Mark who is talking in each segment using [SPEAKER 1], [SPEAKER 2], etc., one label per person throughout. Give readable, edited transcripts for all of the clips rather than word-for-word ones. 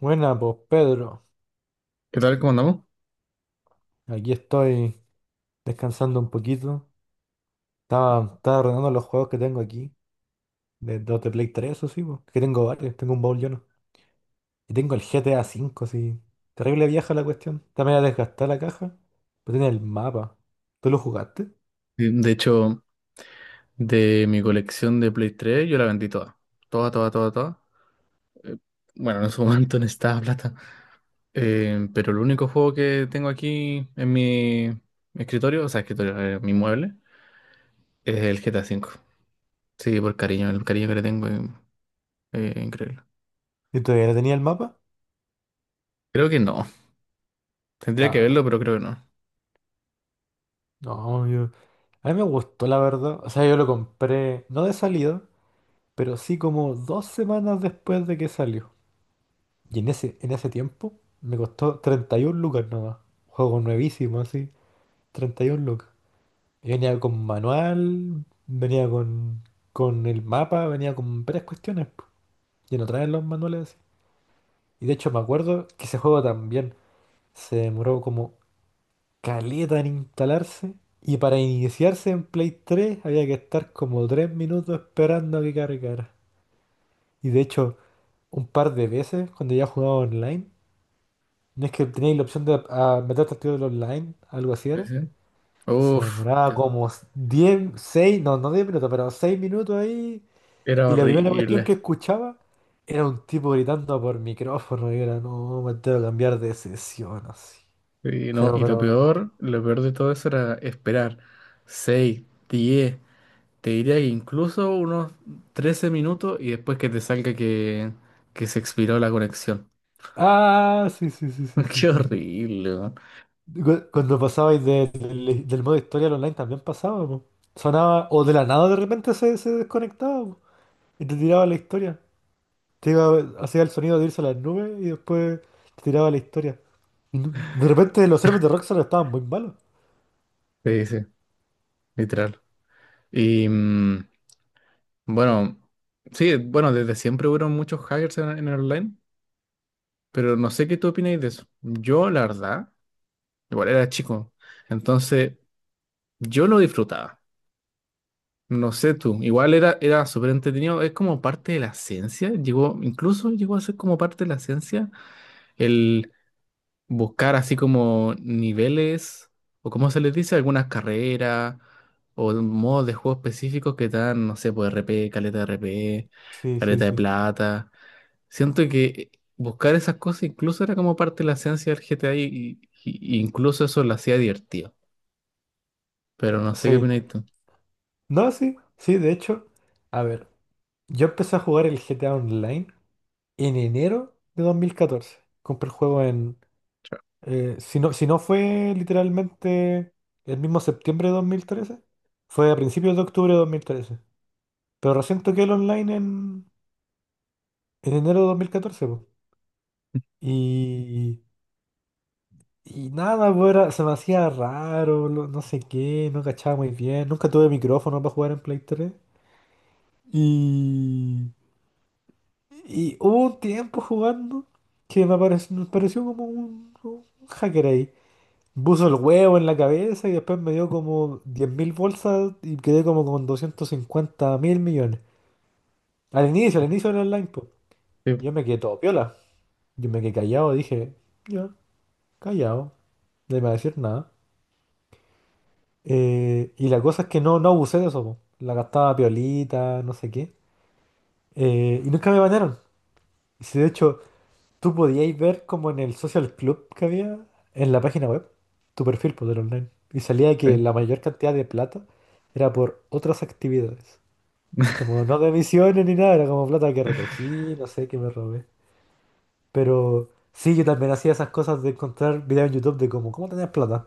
[SPEAKER 1] Buena, pues Pedro,
[SPEAKER 2] ¿Qué tal? ¿Cómo andamos?
[SPEAKER 1] aquí estoy descansando un poquito. Estaba ordenando los juegos que tengo aquí, de Play 3, eso sí, po, que tengo varios, tengo un baúl lleno. Y tengo el GTA V, sí. Terrible vieja la cuestión. Está media desgastada la caja, pero tiene el mapa. ¿Tú lo jugaste?
[SPEAKER 2] Sí, de hecho, de mi colección de Play 3, yo la vendí toda. Toda, toda, toda, toda. Eh, Bueno, en su momento necesitaba plata. Pero el único juego que tengo aquí en mi escritorio, o sea, escritorio, mi mueble, es el GTA cinco. Sí, por cariño, el cariño que le tengo es increíble.
[SPEAKER 1] ¿Y todavía no tenía el mapa?
[SPEAKER 2] Creo que no. Tendría que verlo,
[SPEAKER 1] Ah,
[SPEAKER 2] pero creo que no.
[SPEAKER 1] no, yo. A mí me gustó, la verdad. O sea, yo lo compré, no de salida, pero sí como 2 semanas después de que salió. Y en ese tiempo me costó 31 lucas nada. Juego nuevísimo, así. 31 lucas. Y venía con manual, venía con el mapa, venía con varias cuestiones, po. Y no traen los manuales así. Y de hecho me acuerdo que ese juego también se demoró como caleta en instalarse. Y para iniciarse en Play 3 había que estar como 3 minutos esperando a que cargara. Y de hecho, un par de veces cuando ya jugaba online, no es que teníais la opción de meterte al tiro del online, algo así
[SPEAKER 2] ¿Sí?
[SPEAKER 1] era.
[SPEAKER 2] ¿Sí?
[SPEAKER 1] Se
[SPEAKER 2] Uf,
[SPEAKER 1] demoraba como diez, seis, no, no 10 minutos, pero 6 minutos ahí.
[SPEAKER 2] era
[SPEAKER 1] Y la primera cuestión
[SPEAKER 2] horrible.
[SPEAKER 1] que escuchaba era un tipo gritando por micrófono y era, no, me tengo que cambiar de sesión, así.
[SPEAKER 2] Y, no,
[SPEAKER 1] Pero,
[SPEAKER 2] y
[SPEAKER 1] pero,
[SPEAKER 2] lo peor de todo eso era esperar 6, 10. Te diría que incluso unos 13 minutos y después que te salga que se expiró la conexión.
[SPEAKER 1] ah, sí, sí, sí, sí, sí,
[SPEAKER 2] Qué
[SPEAKER 1] sí, sí.
[SPEAKER 2] horrible, weón.
[SPEAKER 1] Cuando pasabais del modo historia al online también pasaba, po. Sonaba, o de la nada de repente se desconectaba, po, y te tiraba la historia. Hacía el sonido de irse a las nubes y después te tiraba la historia. Y de repente los servers de Rockstar estaban muy malos.
[SPEAKER 2] Sí, sí, literal. Y bueno, sí, bueno, desde siempre hubieron muchos hackers en el online, pero no sé qué tú opináis de eso. Yo, la verdad, igual era chico, entonces yo lo disfrutaba. No sé tú, igual era súper entretenido, es como parte de la ciencia, incluso llegó a ser como parte de la ciencia buscar así como niveles o como se les dice, algunas carreras o modos de juego específicos que te dan, no sé, pues RP, caleta de RP,
[SPEAKER 1] Sí, sí,
[SPEAKER 2] caleta de
[SPEAKER 1] sí.
[SPEAKER 2] plata. Siento que buscar esas cosas incluso era como parte de la esencia del GTA y incluso eso lo hacía divertido. Pero no sé qué
[SPEAKER 1] Sí.
[SPEAKER 2] opinas tú.
[SPEAKER 1] No, sí, sí, de hecho. A ver, yo empecé a jugar el GTA Online en enero de 2014. Compré el juego en.
[SPEAKER 2] Claro.
[SPEAKER 1] Si no, si no fue literalmente el mismo septiembre de 2013, fue a principios de octubre de 2013. Pero recién toqué el online en enero de 2014, po. Y. Y nada, pues se me hacía raro, no sé qué, no cachaba muy bien. Nunca tuve micrófono para jugar en Play 3. Y, y hubo un tiempo jugando que me pareció como un hacker ahí. Puso el huevo en la cabeza y después me dio como 10.000 bolsas y quedé como con 250.000 millones. Al inicio del online, pues.
[SPEAKER 2] Sí,
[SPEAKER 1] Yo me quedé todo piola. Yo me quedé callado, dije, ya, callado, no iba a decir nada. Y la cosa es que no abusé de eso, po. La gastaba piolita, no sé qué. Y nunca me bañaron. Y si de hecho tú podíais ver como en el social club que había en la página web, tu perfil poder online. Y salía
[SPEAKER 2] sí.
[SPEAKER 1] que la mayor cantidad de plata era por otras actividades. Como no de misiones ni nada, era como plata que recogí, no sé, que me robé. Pero sí, yo también hacía esas cosas de encontrar videos en YouTube de como, ¿cómo tenías plata?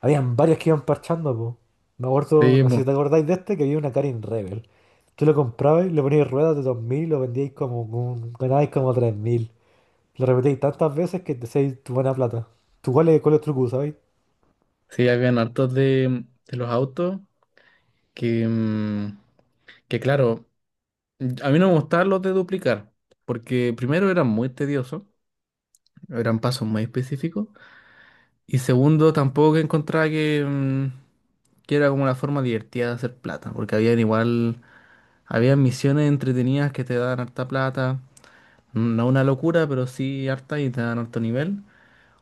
[SPEAKER 1] Habían varios que iban parchando, po. Me acuerdo,
[SPEAKER 2] Sí,
[SPEAKER 1] no sé si te
[SPEAKER 2] po.
[SPEAKER 1] acordáis de este, que había una Karin Rebel. Tú lo comprabas, le ponías ruedas de 2.000, lo vendíais como, ganabais como 3.000. Lo repetíais tantas veces que te hacíais tu buena plata. ¿Tú cuál es el truco, sabéis?
[SPEAKER 2] Sí, habían hartos de los autos que, mm, que claro. A mí no me gustaban los de duplicar, porque primero eran muy tediosos, eran pasos muy específicos, y segundo tampoco que encontraba que era como una forma divertida de hacer plata, porque habían igual, habían misiones entretenidas que te daban harta plata, no una locura, pero sí harta y te daban harto nivel,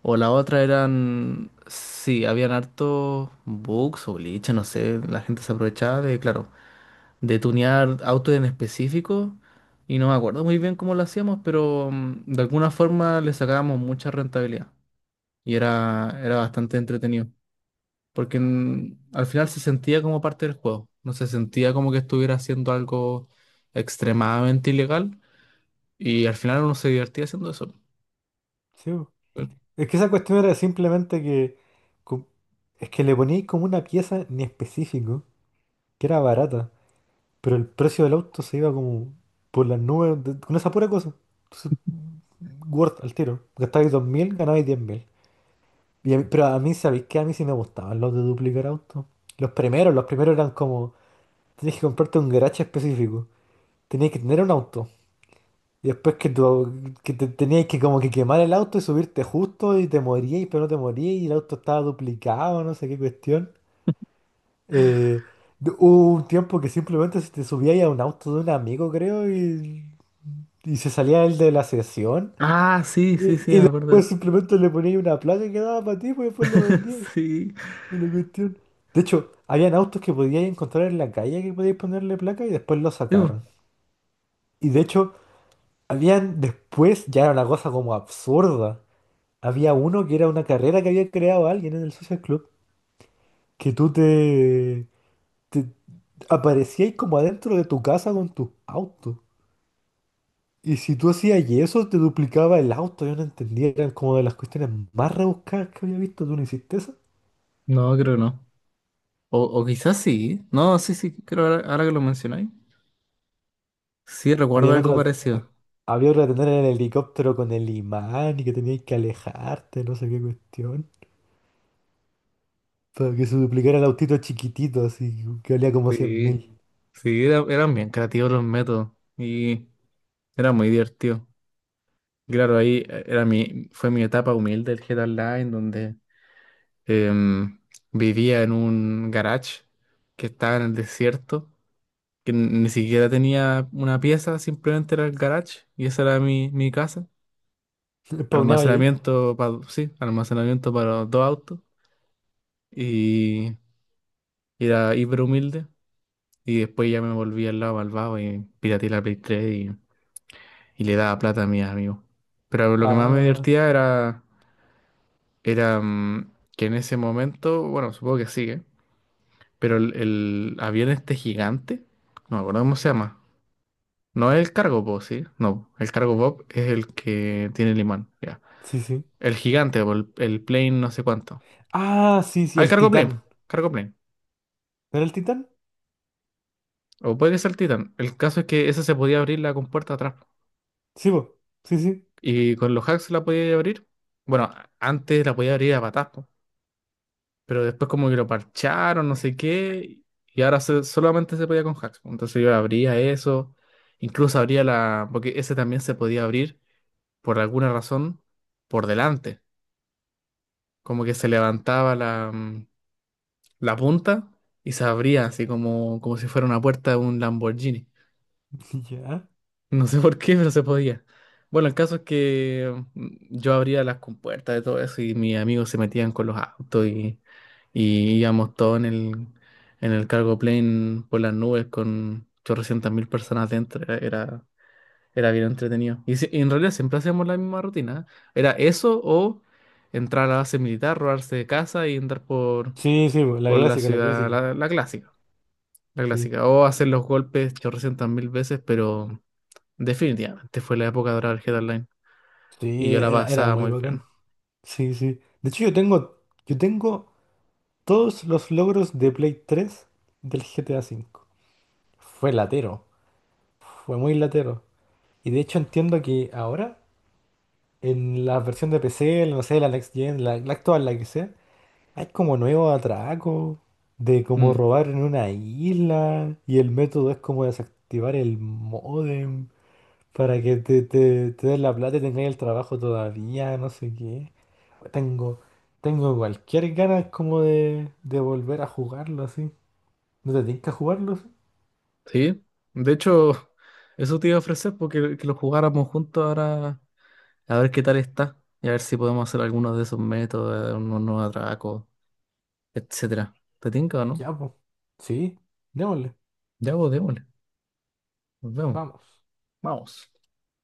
[SPEAKER 2] o la otra eran, sí, habían harto bugs o glitches, no sé, la gente se aprovechaba de, claro, de tunear autos en específico y no me acuerdo muy bien cómo lo hacíamos, pero de alguna forma le sacábamos mucha rentabilidad y era bastante entretenido, porque al final se sentía como parte del juego, no se sentía como que estuviera haciendo algo extremadamente ilegal y al final uno se divertía haciendo eso.
[SPEAKER 1] Sí, po. Es que esa cuestión era simplemente que. com- Es que le poníais como una pieza en específico, que era barata, pero el precio del auto se iba como por las nubes con esa pura cosa. Entonces, worth al tiro. Gastabais 2.000, ganabais 10.000. Pero a mí, ¿sabéis qué? A mí sí me gustaban los de duplicar autos. Los primeros eran como, tenías que comprarte un garaje específico, tenías que tener un auto. Y después que, tu- que te, tenías que como que quemar el auto y subirte justo y te morías pero no te morías y el auto estaba duplicado, no sé qué cuestión. Eh, Hubo un tiempo que simplemente se te subíais a un auto de un amigo, creo, y se salía el de la sesión.
[SPEAKER 2] Ah, sí, sí,
[SPEAKER 1] Y,
[SPEAKER 2] sí, me
[SPEAKER 1] y
[SPEAKER 2] acuerdo de
[SPEAKER 1] después
[SPEAKER 2] eso.
[SPEAKER 1] simplemente le poníais una placa que daba para ti, pues después lo vendíais.
[SPEAKER 2] Sí.
[SPEAKER 1] De la cuestión. De hecho, habían autos que podíais encontrar en la calle que podíais ponerle placa y después lo
[SPEAKER 2] Sí,
[SPEAKER 1] sacaron.
[SPEAKER 2] po.
[SPEAKER 1] Y de hecho, habían después, ya era una cosa como absurda. Había uno que era una carrera que había creado alguien en el Social Club, que tú te aparecíais como adentro de tu casa con tus autos. Y si tú hacías eso, te duplicaba el auto. Yo no entendía, eran como de las cuestiones más rebuscadas que había visto. ¿Tú no hiciste eso?
[SPEAKER 2] No, creo que no. O quizás sí. No, sí, sí, creo ahora que lo mencionáis. Sí, recuerdo
[SPEAKER 1] Habían
[SPEAKER 2] algo
[SPEAKER 1] otras.
[SPEAKER 2] parecido.
[SPEAKER 1] Había que tener en el helicóptero con el imán y que tenías que alejarte, no sé qué cuestión. Para que se duplicara el autito chiquitito, así que valía como cien
[SPEAKER 2] Sí.
[SPEAKER 1] mil
[SPEAKER 2] Sí, eran bien creativos los métodos y era muy divertido. Claro, ahí fue mi etapa humilde del GTA Online, donde em, vivía en un garage que estaba en el desierto, que ni siquiera tenía una pieza, simplemente era el garage y esa era mi casa.
[SPEAKER 1] Spawneaba ahí.
[SPEAKER 2] Almacenamiento para, sí, almacenamiento para dos autos y era hiper humilde. Y después ya me volví al lado malvado y pirateé la Play 3 y le daba plata a mis amigos. Pero lo que más me
[SPEAKER 1] Ah,
[SPEAKER 2] divertía era, que en ese momento, bueno, supongo que sigue, pero el avión este gigante, no me acuerdo cómo se llama. No es el cargo pop, ¿sí? No, el cargo pop es el que tiene el imán, ya.
[SPEAKER 1] sí, sí.
[SPEAKER 2] El gigante, o el plane, no sé cuánto.
[SPEAKER 1] Ah, sí, sí,
[SPEAKER 2] Ah, el
[SPEAKER 1] el
[SPEAKER 2] cargo plane,
[SPEAKER 1] titán.
[SPEAKER 2] cargo plane.
[SPEAKER 1] ¿No era el titán?
[SPEAKER 2] O puede que sea el Titan. El caso es que esa se podía abrir la compuerta atrás.
[SPEAKER 1] Sí, po. Sí, sí.
[SPEAKER 2] Y con los hacks la podía abrir. Bueno, antes la podía abrir a patas, po. Pero después como que lo parcharon, no sé qué, y ahora solamente se podía con hacks. Entonces yo abría eso, incluso abría la, porque ese también se podía abrir por alguna razón por delante, como que se levantaba la punta y se abría así como si fuera una puerta de un Lamborghini.
[SPEAKER 1] Ya.
[SPEAKER 2] No sé por qué, pero se podía. Bueno, el caso es que yo abría las compuertas de todo eso y mis amigos se metían con los autos y íbamos todos en el cargo plane por las nubes con 800 mil personas dentro. Era bien entretenido. Y, si- y en realidad siempre hacíamos la misma rutina. ¿Eh? Era eso o entrar a la base militar, robarse de casa y andar por,
[SPEAKER 1] Sí, sí, po, la
[SPEAKER 2] por la
[SPEAKER 1] clásica, la
[SPEAKER 2] ciudad,
[SPEAKER 1] clásica.
[SPEAKER 2] la clásica. La
[SPEAKER 1] Sí.
[SPEAKER 2] clásica. O hacer los golpes 800 mil veces, pero definitivamente fue la época dorada del GTA Online y
[SPEAKER 1] Sí,
[SPEAKER 2] yo la
[SPEAKER 1] era
[SPEAKER 2] pasaba
[SPEAKER 1] muy
[SPEAKER 2] muy bien.
[SPEAKER 1] bacán. Sí, sí. De hecho, yo tengo todos los logros de Play 3 del GTA V. Fue latero. Fue muy latero. Y de hecho entiendo que ahora, en la versión de PC, no sé, la Next Gen, la actual, la que sea, hay como nuevos atracos de como
[SPEAKER 2] Mm,
[SPEAKER 1] robar en una isla y el método es como desactivar el módem para que te den la plata y tengáis el trabajo todavía, no sé qué. Tengo, tengo cualquier ganas como de volver a jugarlo así. ¿No te tienes que jugarlo así?
[SPEAKER 2] sí, de hecho, eso te iba a ofrecer porque que lo jugáramos juntos ahora a ver qué tal está y a ver si podemos hacer algunos de esos métodos, unos nuevos atracos, etcétera. ¿Te tinca o no?
[SPEAKER 1] Ya, pues. Sí, démosle,
[SPEAKER 2] Ya vos, démosle. Nos vemos.
[SPEAKER 1] vamos.
[SPEAKER 2] Vamos.